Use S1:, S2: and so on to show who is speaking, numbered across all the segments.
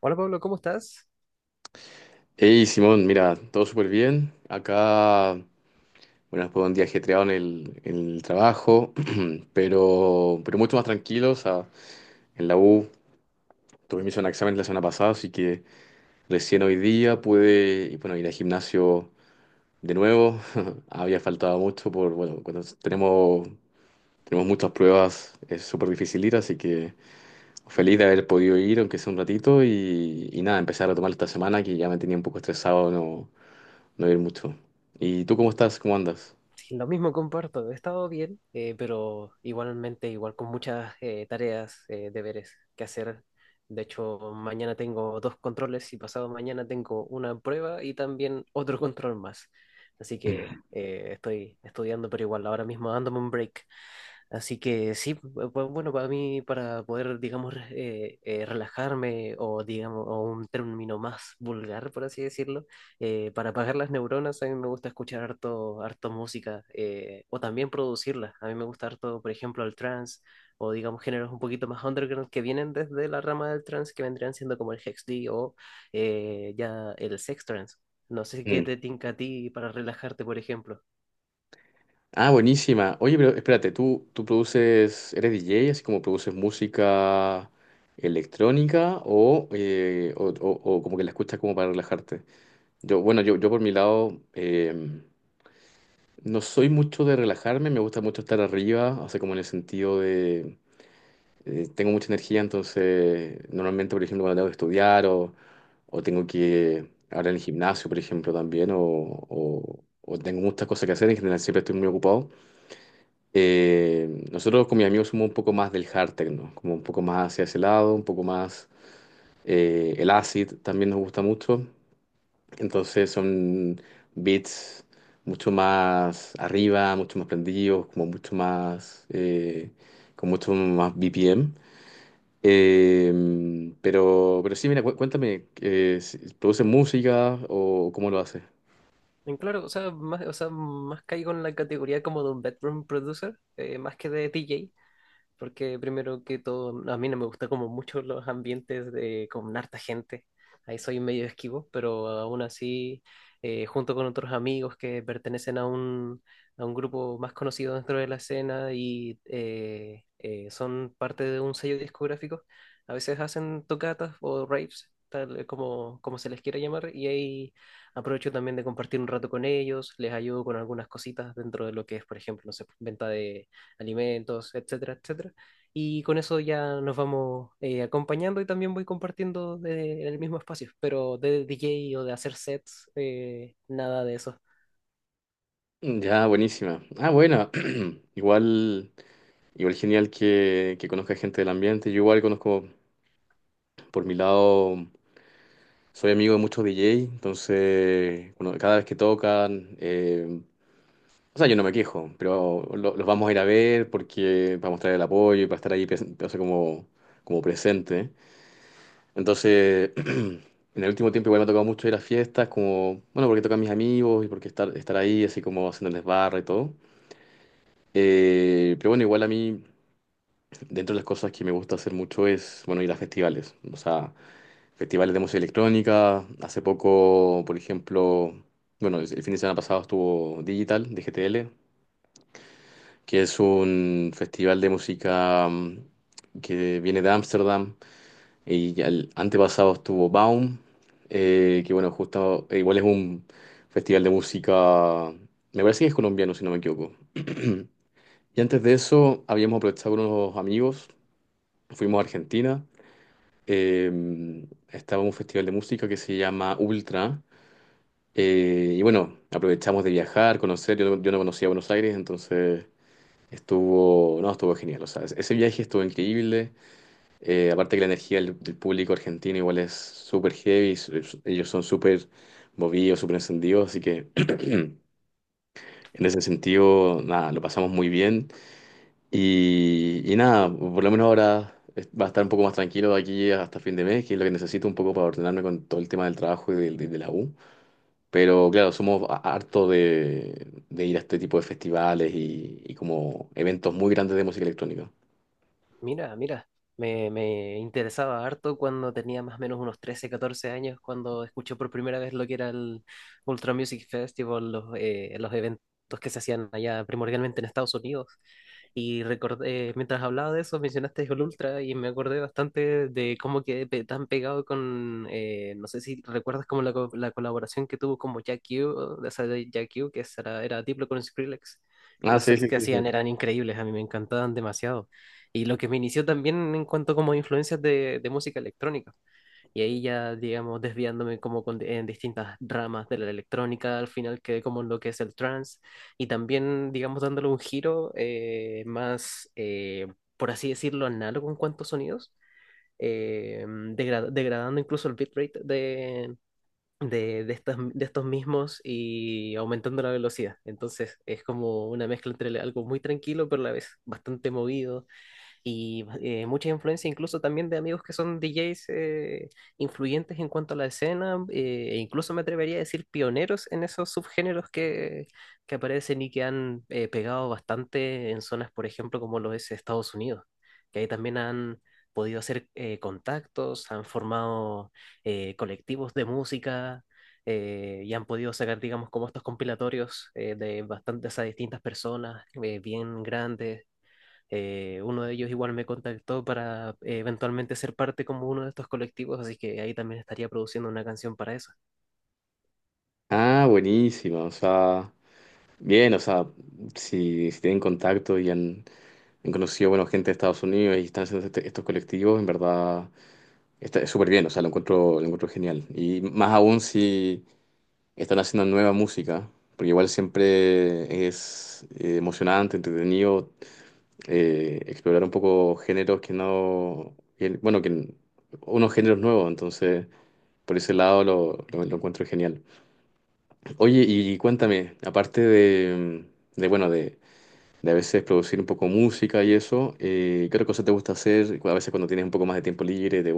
S1: Hola Pablo, ¿cómo estás?
S2: Hey Simón, mira, todo súper bien. Acá, bueno, fue un día ajetreado en en el trabajo, pero mucho más tranquilo. O sea, en la U tuve mis exámenes la semana pasada, así que recién hoy día pude, bueno, ir al gimnasio de nuevo. Había faltado mucho por, bueno, cuando tenemos muchas pruebas es súper difícil ir, así que feliz de haber podido ir, aunque sea un ratito, y nada, empezar a retomar esta semana que ya me tenía un poco estresado, ¿no? No ir mucho. ¿Y tú cómo estás? ¿Cómo andas?
S1: Sí, lo mismo comparto, he estado bien, pero igualmente, igual con muchas tareas, deberes que hacer. De hecho, mañana tengo dos controles y pasado mañana tengo una prueba y también otro control más. Así que estoy estudiando, pero igual ahora mismo dándome un break. Así que sí, bueno, para mí, para poder, digamos, relajarme o, digamos, o un término más vulgar, por así decirlo, para apagar las neuronas, a mí me gusta escuchar harto, harto música o también producirla. A mí me gusta harto, por ejemplo, el trance o, digamos, géneros un poquito más underground que vienen desde la rama del trance, que vendrían siendo como el Hexd o ya el Sex Trance. No sé qué
S2: Ujú.
S1: te tinca a ti para relajarte, por ejemplo.
S2: Ah, buenísima. Oye, pero espérate, ¿tú produces, eres DJ, así como produces música electrónica o, o como que la escuchas como para relajarte? Yo por mi lado no soy mucho de relajarme, me gusta mucho estar arriba, o sea, como en el sentido de tengo mucha energía, entonces normalmente, por ejemplo, cuando tengo que estudiar o tengo que ahora en el gimnasio, por ejemplo, también, o tengo muchas cosas que hacer, en general siempre estoy muy ocupado. Nosotros con mis amigos somos un poco más del hard techno, como un poco más hacia ese lado, un poco más el acid también nos gusta mucho, entonces son beats mucho más arriba, mucho más prendidos, como mucho más, con mucho más BPM. Pero sí, mira, cuéntame, ¿produce música o cómo lo hace?
S1: En claro, o sea, más caigo en la categoría como de un bedroom producer, más que de DJ, porque primero que todo, no, a mí no me gusta como mucho los ambientes de, con harta gente. Ahí soy medio esquivo, pero aún así, junto con otros amigos que pertenecen a un grupo más conocido dentro de la escena y son parte de un sello discográfico. A veces hacen tocatas o raves, tal como se les quiera llamar, y ahí aprovecho también de compartir un rato con ellos, les ayudo con algunas cositas dentro de lo que es, por ejemplo, no sé, venta de alimentos, etcétera, etcétera. Y con eso ya nos vamos acompañando y también voy compartiendo en el mismo espacio, pero de DJ o de hacer sets, nada de eso.
S2: Ya, buenísima. Ah, bueno, igual, igual genial que conozca gente del ambiente. Yo igual conozco, por mi lado, soy amigo de muchos DJ, entonces, bueno, cada vez que tocan, o sea, yo no me quejo, pero los vamos a ir a ver porque para mostrar el apoyo y para estar ahí, o sea, como, como presente. Entonces, en el último tiempo igual me ha tocado mucho ir a fiestas, como, bueno, porque tocan mis amigos y porque estar ahí, así como haciéndoles barra y todo. Pero bueno, igual a mí, dentro de las cosas que me gusta hacer mucho es, bueno, ir a festivales. O sea, festivales de música electrónica. Hace poco, por ejemplo, bueno, el fin de semana pasado estuvo Digital, de GTL, que es un festival de música que viene de Ámsterdam. Y ya el antepasado estuvo Baum, que bueno, justo igual es un festival de música, me parece que es colombiano, si no me equivoco. Y antes de eso, habíamos aprovechado con unos amigos, fuimos a Argentina, estaba en un festival de música que se llama Ultra, y bueno, aprovechamos de viajar, conocer, yo no conocía Buenos Aires, entonces estuvo, no, estuvo genial, o sea, ese viaje estuvo increíble. Aparte que la energía del público argentino igual es súper heavy, ellos son súper movidos, súper encendidos, así que en ese sentido, nada, lo pasamos muy bien. Y nada, por lo menos ahora va a estar un poco más tranquilo de aquí hasta fin de mes, que es lo que necesito un poco para ordenarme con todo el tema del trabajo y de la U. Pero claro, somos hartos de ir a este tipo de festivales y como eventos muy grandes de música electrónica.
S1: Mira, mira, me interesaba harto cuando tenía más o menos unos 13 14 años, cuando escuché por primera vez lo que era el Ultra Music Festival, los eventos que se hacían allá primordialmente en Estados Unidos. Y recordé, mientras hablaba de eso, mencionaste Jol Ultra y me acordé bastante de cómo quedé tan pegado con, no sé si recuerdas como la colaboración que tuvo como Jack Q, de esa de Jack Q, que era Diplo con Skrillex. Y
S2: Ah,
S1: los
S2: sí,
S1: sets
S2: sí,
S1: que
S2: sí, sí.
S1: hacían eran increíbles, a mí me encantaban demasiado. Y lo que me inició también en cuanto como influencias de música electrónica. Y ahí ya, digamos, desviándome como en distintas ramas de la electrónica, al final quedé como en lo que es el trance y también, digamos, dándole un giro más, por así decirlo, análogo en cuanto a sonidos, degradando incluso el bitrate de estos mismos y aumentando la velocidad. Entonces es como una mezcla entre algo muy tranquilo, pero a la vez bastante movido y mucha influencia incluso también de amigos que son DJs influyentes en cuanto a la escena, e incluso me atrevería a decir pioneros en esos subgéneros que aparecen y que han pegado bastante en zonas, por ejemplo, como lo es Estados Unidos, que ahí también han podido hacer contactos, han formado colectivos de música. Y han podido sacar, digamos, como estos compilatorios de bastantes a distintas personas bien grandes, uno de ellos igual me contactó para eventualmente ser parte como uno de estos colectivos, así que ahí también estaría produciendo una canción para eso.
S2: Ah, buenísima, o sea... Bien, o sea, si, si tienen contacto y han, han conocido, bueno, gente de Estados Unidos y están haciendo estos colectivos, en verdad está súper bien, o sea, lo encuentro genial. Y más aún si están haciendo nueva música, porque igual siempre es emocionante, entretenido explorar un poco géneros que no, que- bueno, que unos géneros nuevos, entonces por ese lado lo encuentro genial. Oye, y cuéntame, aparte de bueno, de a veces producir un poco música y eso. ¿Qué otra cosa te gusta hacer? A veces cuando tienes un poco más de tiempo libre, de,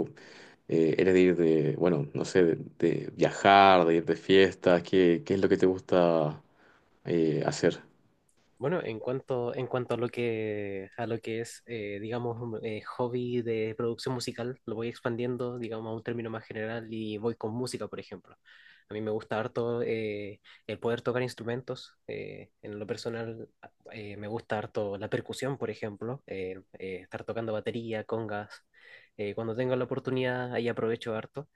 S2: eres de ir de, bueno, no sé, de viajar, de ir de fiestas. ¿Qué es lo que te gusta hacer?
S1: Bueno, en cuanto a lo que es, digamos, hobby de producción musical, lo voy expandiendo, digamos, a un término más general y voy con música, por ejemplo. A mí me gusta harto el poder tocar instrumentos. En lo personal, me gusta harto la percusión, por ejemplo, estar tocando batería, congas. Cuando tengo la oportunidad, ahí aprovecho harto.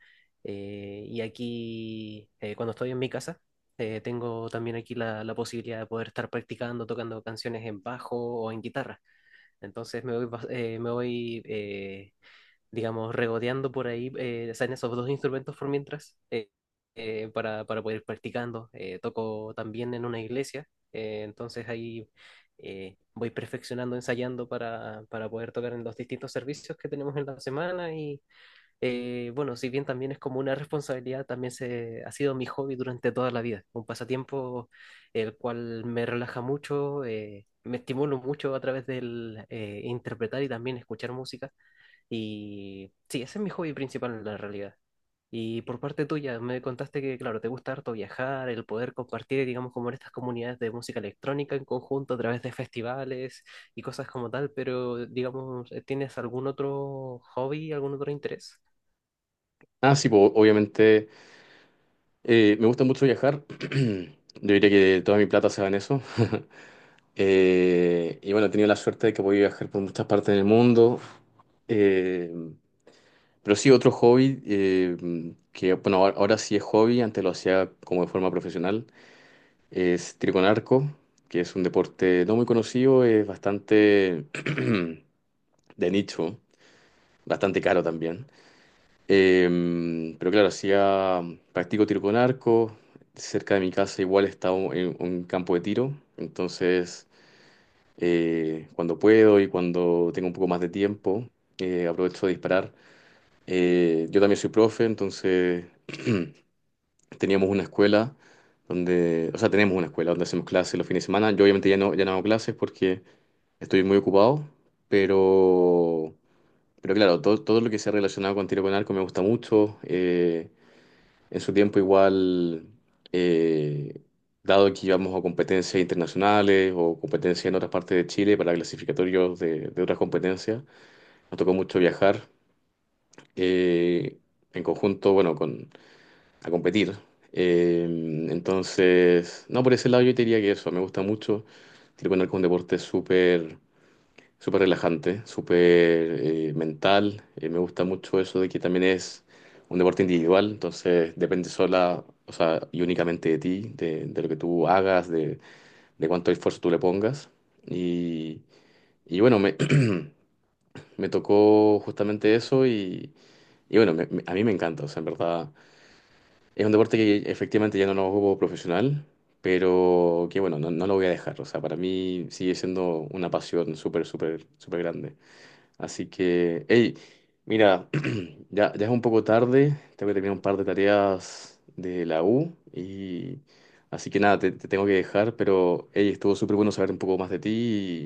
S1: Y aquí, cuando estoy en mi casa, tengo también aquí la posibilidad de poder estar practicando, tocando canciones en bajo o en guitarra. Entonces me voy, me voy digamos, regodeando por ahí, o sea, en esos dos instrumentos por mientras, para poder ir practicando. Toco también en una iglesia, entonces ahí voy perfeccionando, ensayando para poder tocar en los distintos servicios que tenemos en la semana y bueno, si bien también es como una responsabilidad, también se, ha sido mi hobby durante toda la vida, un pasatiempo el cual me relaja mucho, me estimulo mucho a través del interpretar y también escuchar música. Y sí, ese es mi hobby principal en la realidad. Y por parte tuya, me contaste que, claro, te gusta harto viajar, el poder compartir, digamos, como en estas comunidades de música electrónica en conjunto a través de festivales y cosas como tal, pero, digamos, ¿tienes algún otro hobby, algún otro interés?
S2: Ah, sí, po, obviamente me gusta mucho viajar. Yo diría que toda mi plata se va en eso. Bueno, he tenido la suerte de que voy a viajar por muchas partes del mundo. Eh, Pero sí, otro hobby que, bueno, ahora ahora sí es hobby, antes lo hacía como de forma profesional, es tiro con arco, que es un deporte no muy conocido, es bastante de nicho, bastante caro también. Pero claro, hacía, practico tiro con arco, cerca de mi casa igual está un, en un campo de tiro, entonces cuando puedo y cuando tengo un poco más de tiempo, aprovecho de disparar. Yo también soy profe, entonces teníamos una escuela o sea, tenemos una escuela donde hacemos clases los fines de semana. Yo obviamente ya no hago clases porque estoy muy ocupado, pero, pero claro, todo lo que sea relacionado con tiro con arco me gusta mucho. En su tiempo igual, eh, dado que íbamos a competencias internacionales o competencias en otras partes de Chile para clasificatorios de otras competencias, nos tocó mucho viajar. eh, en conjunto, bueno, a competir. Eh, entonces, no, por ese lado yo te diría que eso, me gusta mucho. Tiro con arco es un deporte súper, súper relajante, súper mental. Me gusta mucho eso de que también es un deporte individual, entonces depende sola, o sea, y únicamente de ti, de lo que tú hagas, de cuánto esfuerzo tú le pongas. Y, bueno, me, me tocó justamente eso y bueno, a mí me encanta, o sea, en verdad. Es un deporte que efectivamente ya no lo juego profesional, pero que bueno, no, no lo voy a dejar. O sea, para mí sigue siendo una pasión súper, súper, súper grande. Así que, hey, mira, ya es un poco tarde, tengo que terminar un par de tareas de la U y así que nada, te tengo que dejar, pero hey, estuvo súper bueno saber un poco más de ti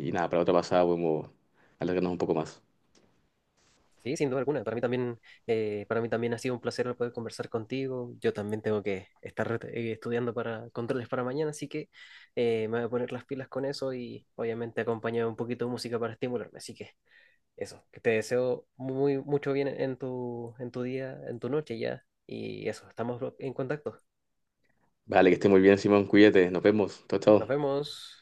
S2: nada, para otra pasada podemos alargarnos un poco más.
S1: Sí, sin duda alguna. Para mí también ha sido un placer poder conversar contigo. Yo también tengo que estar estudiando para controles para mañana, así que me voy a poner las pilas con eso y obviamente acompañar un poquito de música para estimularme. Así que eso, que te deseo muy mucho bien en tu día, en tu noche ya. Y eso, estamos en contacto.
S2: Vale, que esté muy bien, Simón, cuídate, nos vemos, chao, chao.
S1: Nos vemos.